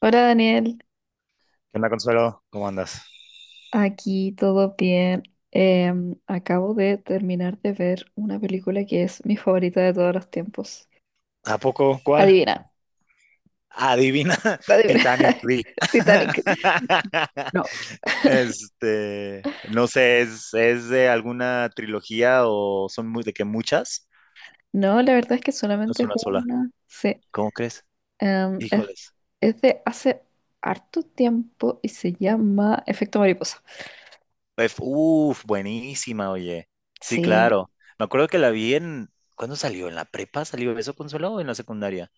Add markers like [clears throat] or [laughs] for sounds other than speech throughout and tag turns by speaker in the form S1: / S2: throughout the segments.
S1: Hola Daniel,
S2: ¿Qué onda, Consuelo? ¿Cómo andas?
S1: aquí todo bien. Acabo de terminar de ver una película que es mi favorita de todos los tiempos.
S2: ¿A poco? ¿Cuál?
S1: Adivina,
S2: Adivina, [laughs]
S1: adivina.
S2: Titanic, di.
S1: [laughs] Titanic. No.
S2: [laughs] No sé, ¿es de alguna trilogía o son muy, de que muchas?
S1: No, la verdad es que
S2: No. Es
S1: solamente es
S2: una sola.
S1: una. Sí.
S2: ¿Cómo crees?
S1: Em, es,
S2: Híjoles.
S1: es de hace harto tiempo y se llama Efecto Mariposa.
S2: Uf, buenísima, oye. Sí,
S1: Sí,
S2: claro. Me acuerdo que la vi en, ¿cuándo salió? ¿En la prepa salió eso, Consuelo, o en la secundaria?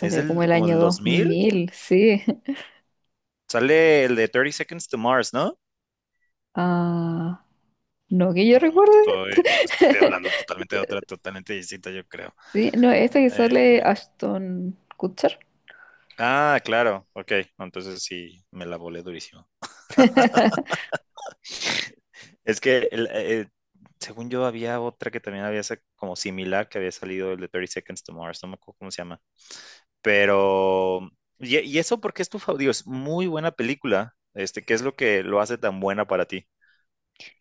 S2: Es del,
S1: como el
S2: como
S1: año
S2: del 2000.
S1: 2000, sí. [laughs]
S2: Sale el de Thirty Seconds to Mars, ¿no?
S1: Ah, no que
S2: O
S1: yo
S2: no,
S1: recuerde.
S2: estoy, estoy hablando totalmente de otra, totalmente distinta, yo creo.
S1: Sí, no, esta que
S2: Eh,
S1: sale Ashton Kutcher.
S2: ah, claro, ok, no, entonces sí, me la volé durísimo.
S1: [laughs]
S2: Es que, según yo, había otra que también había como similar, que había salido el de Thirty Seconds to Mars, no me acuerdo cómo se llama, pero, y eso porque es tu favorito, es muy buena película, ¿qué es lo que lo hace tan buena para ti?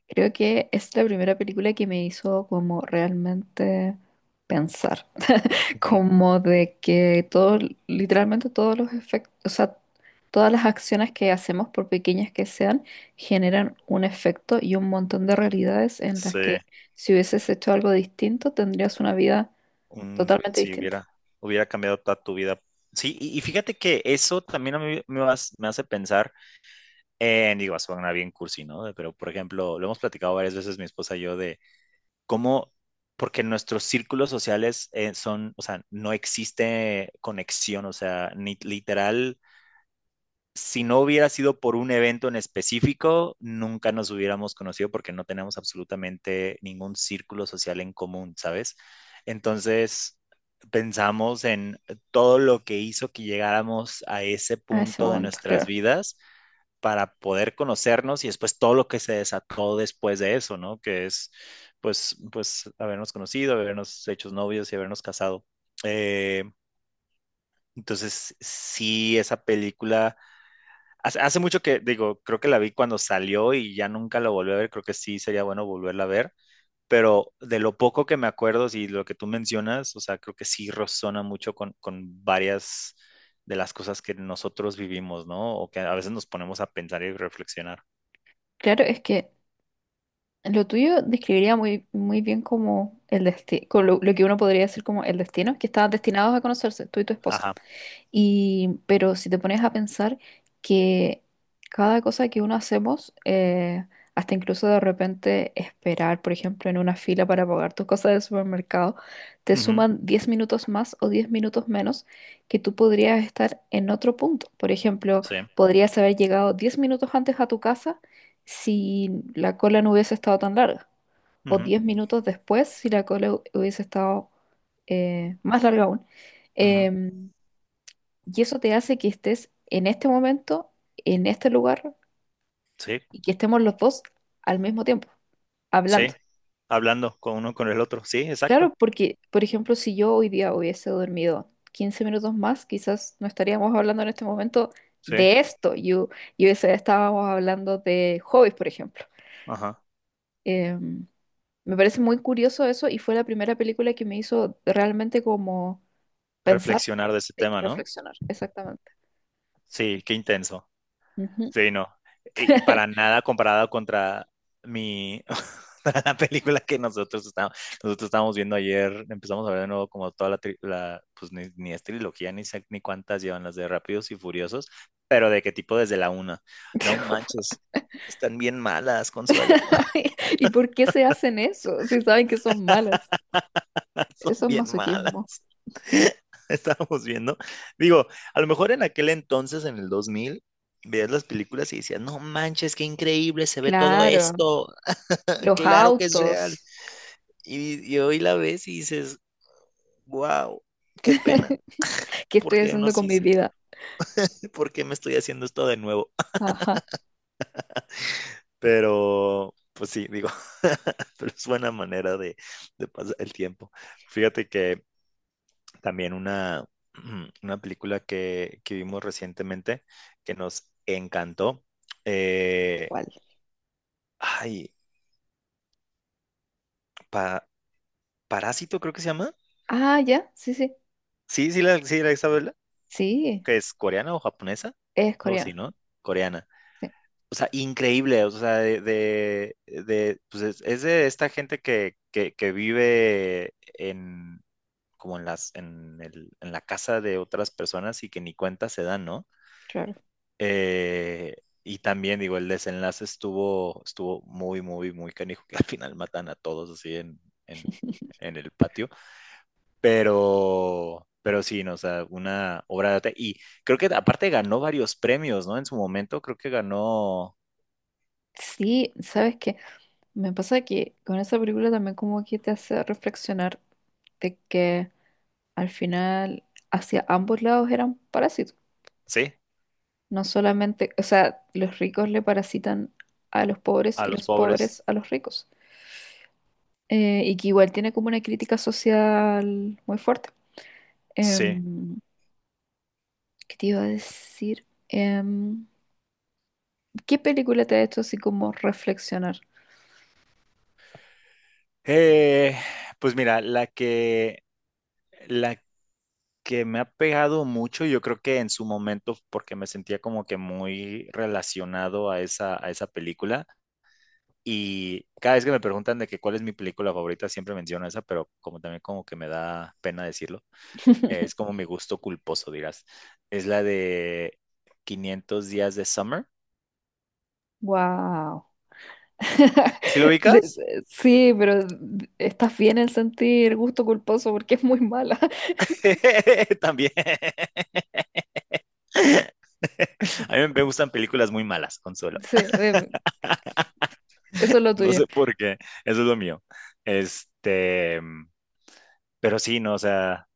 S1: Creo que es la primera película que me hizo como realmente pensar, [laughs]
S2: Ujú.
S1: como de que todo, literalmente todos los efectos, o sea, todas las acciones que hacemos, por pequeñas que sean, generan un efecto y un montón de realidades en las
S2: Sí,
S1: que si hubieses hecho algo distinto, tendrías una vida
S2: un,
S1: totalmente
S2: si
S1: distinta
S2: hubiera, hubiera cambiado toda tu vida. Sí, y fíjate que eso también a mí me, me hace pensar. Digo, suena bien cursi, ¿no? Pero, por ejemplo, lo hemos platicado varias veces mi esposa y yo de cómo, porque nuestros círculos sociales son, o sea, no existe conexión, o sea, ni literal, si no hubiera sido por un evento en específico, nunca nos hubiéramos conocido porque no tenemos absolutamente ningún círculo social en común, ¿sabes? Entonces, pensamos en todo lo que hizo que llegáramos a ese
S1: a ese
S2: punto de
S1: momento,
S2: nuestras
S1: claro.
S2: vidas para poder conocernos y después todo lo que se desató después de eso, ¿no? Que es, pues habernos conocido, habernos hecho novios y habernos casado. Eh, entonces, sí, esa película, hace mucho que, digo, creo que la vi cuando salió y ya nunca la volví a ver, creo que sí sería bueno volverla a ver, pero de lo poco que me acuerdo y sí, lo que tú mencionas, o sea, creo que sí resona mucho con varias de las cosas que nosotros vivimos, ¿no? O que a veces nos ponemos a pensar y reflexionar.
S1: Claro, es que lo tuyo describiría muy bien como el destino, lo que uno podría decir como el destino, que estaban destinados a conocerse, tú y tu esposa.
S2: Ajá.
S1: Y, pero si te pones a pensar que cada cosa que uno hacemos, hasta incluso de repente esperar, por ejemplo, en una fila para pagar tus cosas del supermercado, te
S2: Ujú,
S1: suman 10 minutos más o 10 minutos menos que tú podrías estar en otro punto. Por ejemplo,
S2: sí,
S1: podrías haber llegado 10 minutos antes a tu casa si la cola no hubiese estado tan larga, o
S2: ujú,
S1: 10 minutos después si la cola hubiese estado más larga aún.
S2: ujú,
S1: Em, y eso te hace que estés en este momento, en este lugar,
S2: sí,
S1: y que estemos los dos al mismo tiempo, hablando.
S2: sí, hablando con uno con el otro, sí,
S1: Claro,
S2: exacto,
S1: porque, por ejemplo, si yo hoy día hubiese dormido 15 minutos más, quizás no estaríamos hablando en este momento
S2: sí,
S1: de esto. Yo, estábamos hablando de hobbies, por ejemplo.
S2: ajá,
S1: Em, Me parece muy curioso eso y fue la primera película que me hizo realmente como pensar,
S2: reflexionar de ese tema, ¿no?
S1: reflexionar. Exactamente.
S2: Sí,
S1: Sí.
S2: qué intenso,
S1: Ujú.
S2: sí, no, y para nada comparado contra mi, [laughs] para la película que nosotros estábamos viendo ayer, empezamos a ver de nuevo como toda la, la pues ni es trilogía, ni sé ni cuántas llevan las de Rápidos y Furiosos, pero de qué tipo desde la una, no
S1: [laughs]
S2: manches, están bien malas, Consuelo,
S1: [laughs] ¿Y por qué se hacen eso si saben que son malas?
S2: [laughs] son
S1: Eso es
S2: bien
S1: masoquismo.
S2: malas. [laughs] Estábamos viendo. Digo, a lo mejor en aquel entonces, en el 2000 veías las películas y decías, no manches, qué increíble se ve todo
S1: Claro,
S2: esto, [laughs]
S1: los
S2: claro que es real.
S1: autos.
S2: Y hoy la ves y dices, wow, qué pena,
S1: ¿Qué
S2: ¿por
S1: estoy
S2: qué
S1: haciendo
S2: nos
S1: con mi
S2: hizo?
S1: vida?
S2: [laughs] ¿Por qué me estoy haciendo esto de nuevo?
S1: Ajá.
S2: [laughs] Pero, pues sí, digo, [laughs] pero es buena manera de pasar el tiempo. Fíjate que también una, [clears throat] una película que vimos recientemente que nos encantó. eh,
S1: ¿Cuál?
S2: ay, Pa- Parásito creo que se llama.
S1: Ah, ya, sí, sí.
S2: Sí, sí, la, sí, la Isabela,
S1: Sí,
S2: que es coreana o japonesa,
S1: es
S2: algo así,
S1: coreana.
S2: ¿no? Coreana.
S1: Sí,
S2: O sea, increíble, o sea, pues es de esta gente que vive en, como en las, en el, en la casa de otras personas y que ni cuenta se dan, ¿no?
S1: claro.
S2: Eh, y también, digo, el desenlace estuvo muy, muy, muy canijo, que al final matan a todos así en, en el patio. Pero sí, no, o sea, una obra de arte. Y creo que aparte ganó varios premios, ¿no? En su momento, creo que ganó,
S1: Sí, ¿sabes qué? Me pasa que con esa película también como que te hace reflexionar de que al final hacia ambos lados eran parásitos.
S2: sí,
S1: No solamente, o sea, los ricos le parasitan a los pobres
S2: a
S1: y
S2: los
S1: los
S2: pobres.
S1: pobres a los ricos. Eh, y que igual tiene como una crítica social muy fuerte.
S2: Sí.
S1: Em, ¿Qué te iba a decir? ¿Qué película te ha hecho así como reflexionar?
S2: Eh, pues mira, la que me ha pegado mucho, yo creo que en su momento, porque me sentía como que muy relacionado a esa película. Y cada vez que me preguntan de que cuál es mi película favorita, siempre menciono esa, pero como también como que me da pena decirlo, es
S1: [laughs]
S2: como mi gusto culposo, dirás. Es la de quinientos días de Summer.
S1: Wow. [laughs]
S2: ¿Sí lo ubicas?
S1: Sí, pero estás bien en sentir gusto culposo porque es muy mala. [laughs]
S2: [laughs] También. [laughs] A
S1: Este,
S2: mí me gustan películas muy malas, Consuelo.
S1: sí, eso es lo
S2: No
S1: tuyo.
S2: sé por qué, eso es lo mío. Este, pero sí, no, o sea,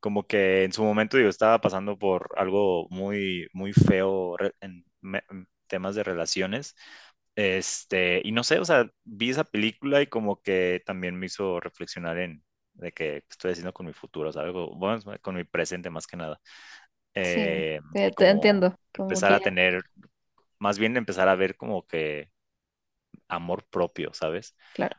S2: como que en su momento yo estaba pasando por algo muy, muy feo en temas de relaciones. Y no sé, o sea, vi esa película y como que también me hizo reflexionar en de que qué estoy haciendo con mi futuro, ¿sabes? O, bueno, con mi presente más que nada.
S1: Sí, te,
S2: Y
S1: te
S2: como
S1: entiendo. Como
S2: empezar a
S1: que,
S2: tener, más bien empezar a ver como que amor propio, ¿sabes?
S1: claro.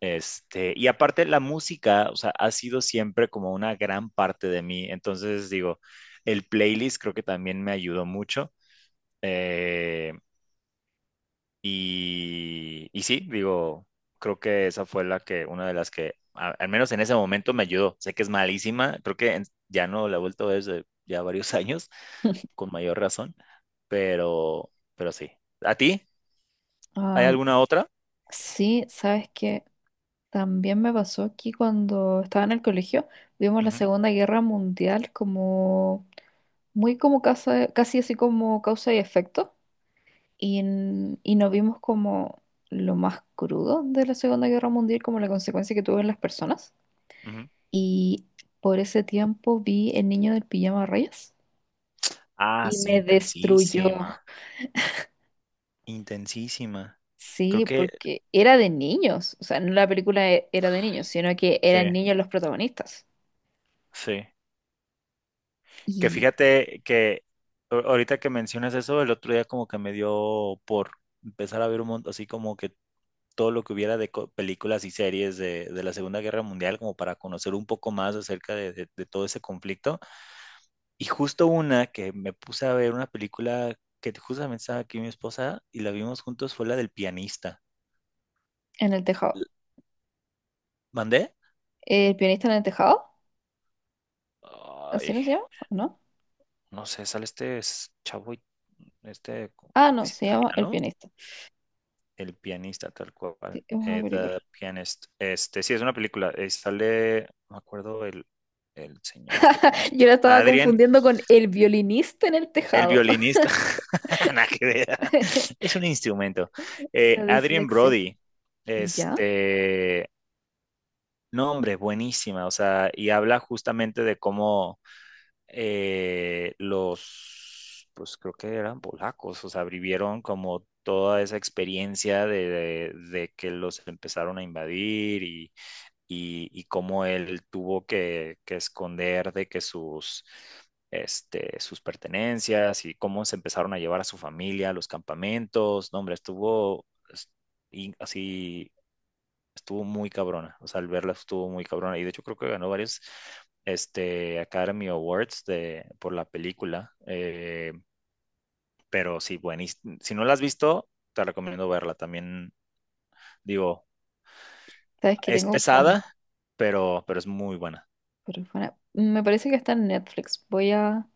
S2: Y aparte la música, o sea, ha sido siempre como una gran parte de mí. Entonces, digo, el playlist creo que también me ayudó mucho. Eh, y sí, digo, creo que esa fue la que, una de las que, al menos en ese momento me ayudó. Sé que es malísima, creo que ya no la he vuelto a ver desde ya varios [laughs] años,
S1: [laughs]
S2: con mayor razón, pero sí. ¿A ti? ¿Hay
S1: Am,
S2: alguna otra?
S1: sí, sabes que también me pasó aquí cuando estaba en el colegio vimos la
S2: Ujú,
S1: Segunda Guerra Mundial como muy como casi así como causa y efecto y, y nos vimos como lo más crudo de la Segunda Guerra Mundial como la consecuencia que tuvo en las personas
S2: ujú.
S1: y por ese tiempo vi El niño del pijama rayas
S2: Ah,
S1: y
S2: sí,
S1: me destruyó.
S2: intensísima. Intensísima. Creo
S1: Sí,
S2: que
S1: porque era de niños, o sea, no la película era de niños, sino que
S2: sí,
S1: eran niños los protagonistas
S2: sí. Que
S1: y
S2: fíjate que ahorita que mencionas eso, el otro día como que me dio por empezar a ver un montón, así como que todo lo que hubiera de películas y series de la Segunda Guerra Mundial, como para conocer un poco más acerca de, de todo ese conflicto. Y justo una que me puse a ver, una película que justamente estaba aquí mi esposa y la vimos juntos, fue la del pianista.
S1: en el
S2: L-
S1: tejado.
S2: ¿Mandé?
S1: El pianista en el tejado, ¿así
S2: Ay.
S1: no se llama? ¿O no?
S2: No sé, sale chavo,
S1: Ah,
S2: creo que
S1: no,
S2: es
S1: se llama El
S2: italiano,
S1: pianista.
S2: el pianista tal cual,
S1: Sí, es una película.
S2: The Pianist. Sí, es una película, sale, no me acuerdo el señor, ¿cómo
S1: [laughs]
S2: se
S1: Yo
S2: llama?
S1: la estaba
S2: Adrien,
S1: confundiendo con El violinista en el
S2: el
S1: tejado.
S2: violinista,
S1: [laughs]
S2: [laughs] nada que ver, es un instrumento.
S1: La
S2: Adrien
S1: dislexia.
S2: Brody,
S1: ¿Ya?
S2: este, no, hombre, buenísima, o sea, y habla justamente de cómo los, pues creo que eran polacos, o sea, vivieron como toda esa experiencia de, de que los empezaron a invadir y cómo él tuvo que esconder de que sus, sus pertenencias y cómo se empezaron a llevar a su familia a los campamentos. No, hombre, estuvo es- así estuvo muy cabrona, o sea, al verla estuvo muy cabrona y de hecho creo que ganó varios Academy Awards de, por la película, pero sí, bueno, y si no la has visto, te recomiendo verla también, digo,
S1: Sabes que
S2: es
S1: tengo como...
S2: pesada, pero es muy buena.
S1: Me parece que está en Netflix. Voy a...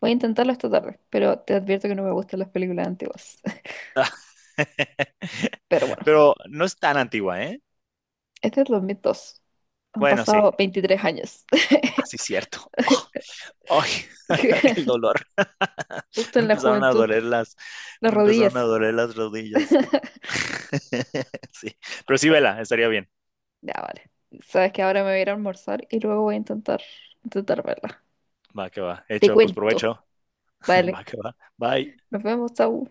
S1: Voy a intentarlo esta tarde, pero te advierto que no me gustan las películas antiguas. [laughs]
S2: [laughs]
S1: Pero bueno,
S2: Pero no es tan antigua, ¿eh?
S1: este es 2002. Han
S2: Bueno, sí,
S1: pasado 23 años. [laughs]
S2: así es cierto. Oh, ay, [laughs] el dolor. [laughs]
S1: Justo
S2: Me
S1: en la
S2: empezaron a
S1: juventud,
S2: doler las,
S1: las
S2: me empezaron a
S1: rodillas.
S2: doler las rodillas.
S1: [laughs]
S2: [laughs] Sí, pero sí, vela, estaría bien.
S1: Ya, vale. Sabes que ahora me voy a ir a almorzar y luego voy a intentar verla.
S2: Va que va.
S1: Te
S2: Hecho, pues
S1: cuento.
S2: provecho. [laughs]
S1: Vale.
S2: Va que va. Bye.
S1: Nos vemos, chau.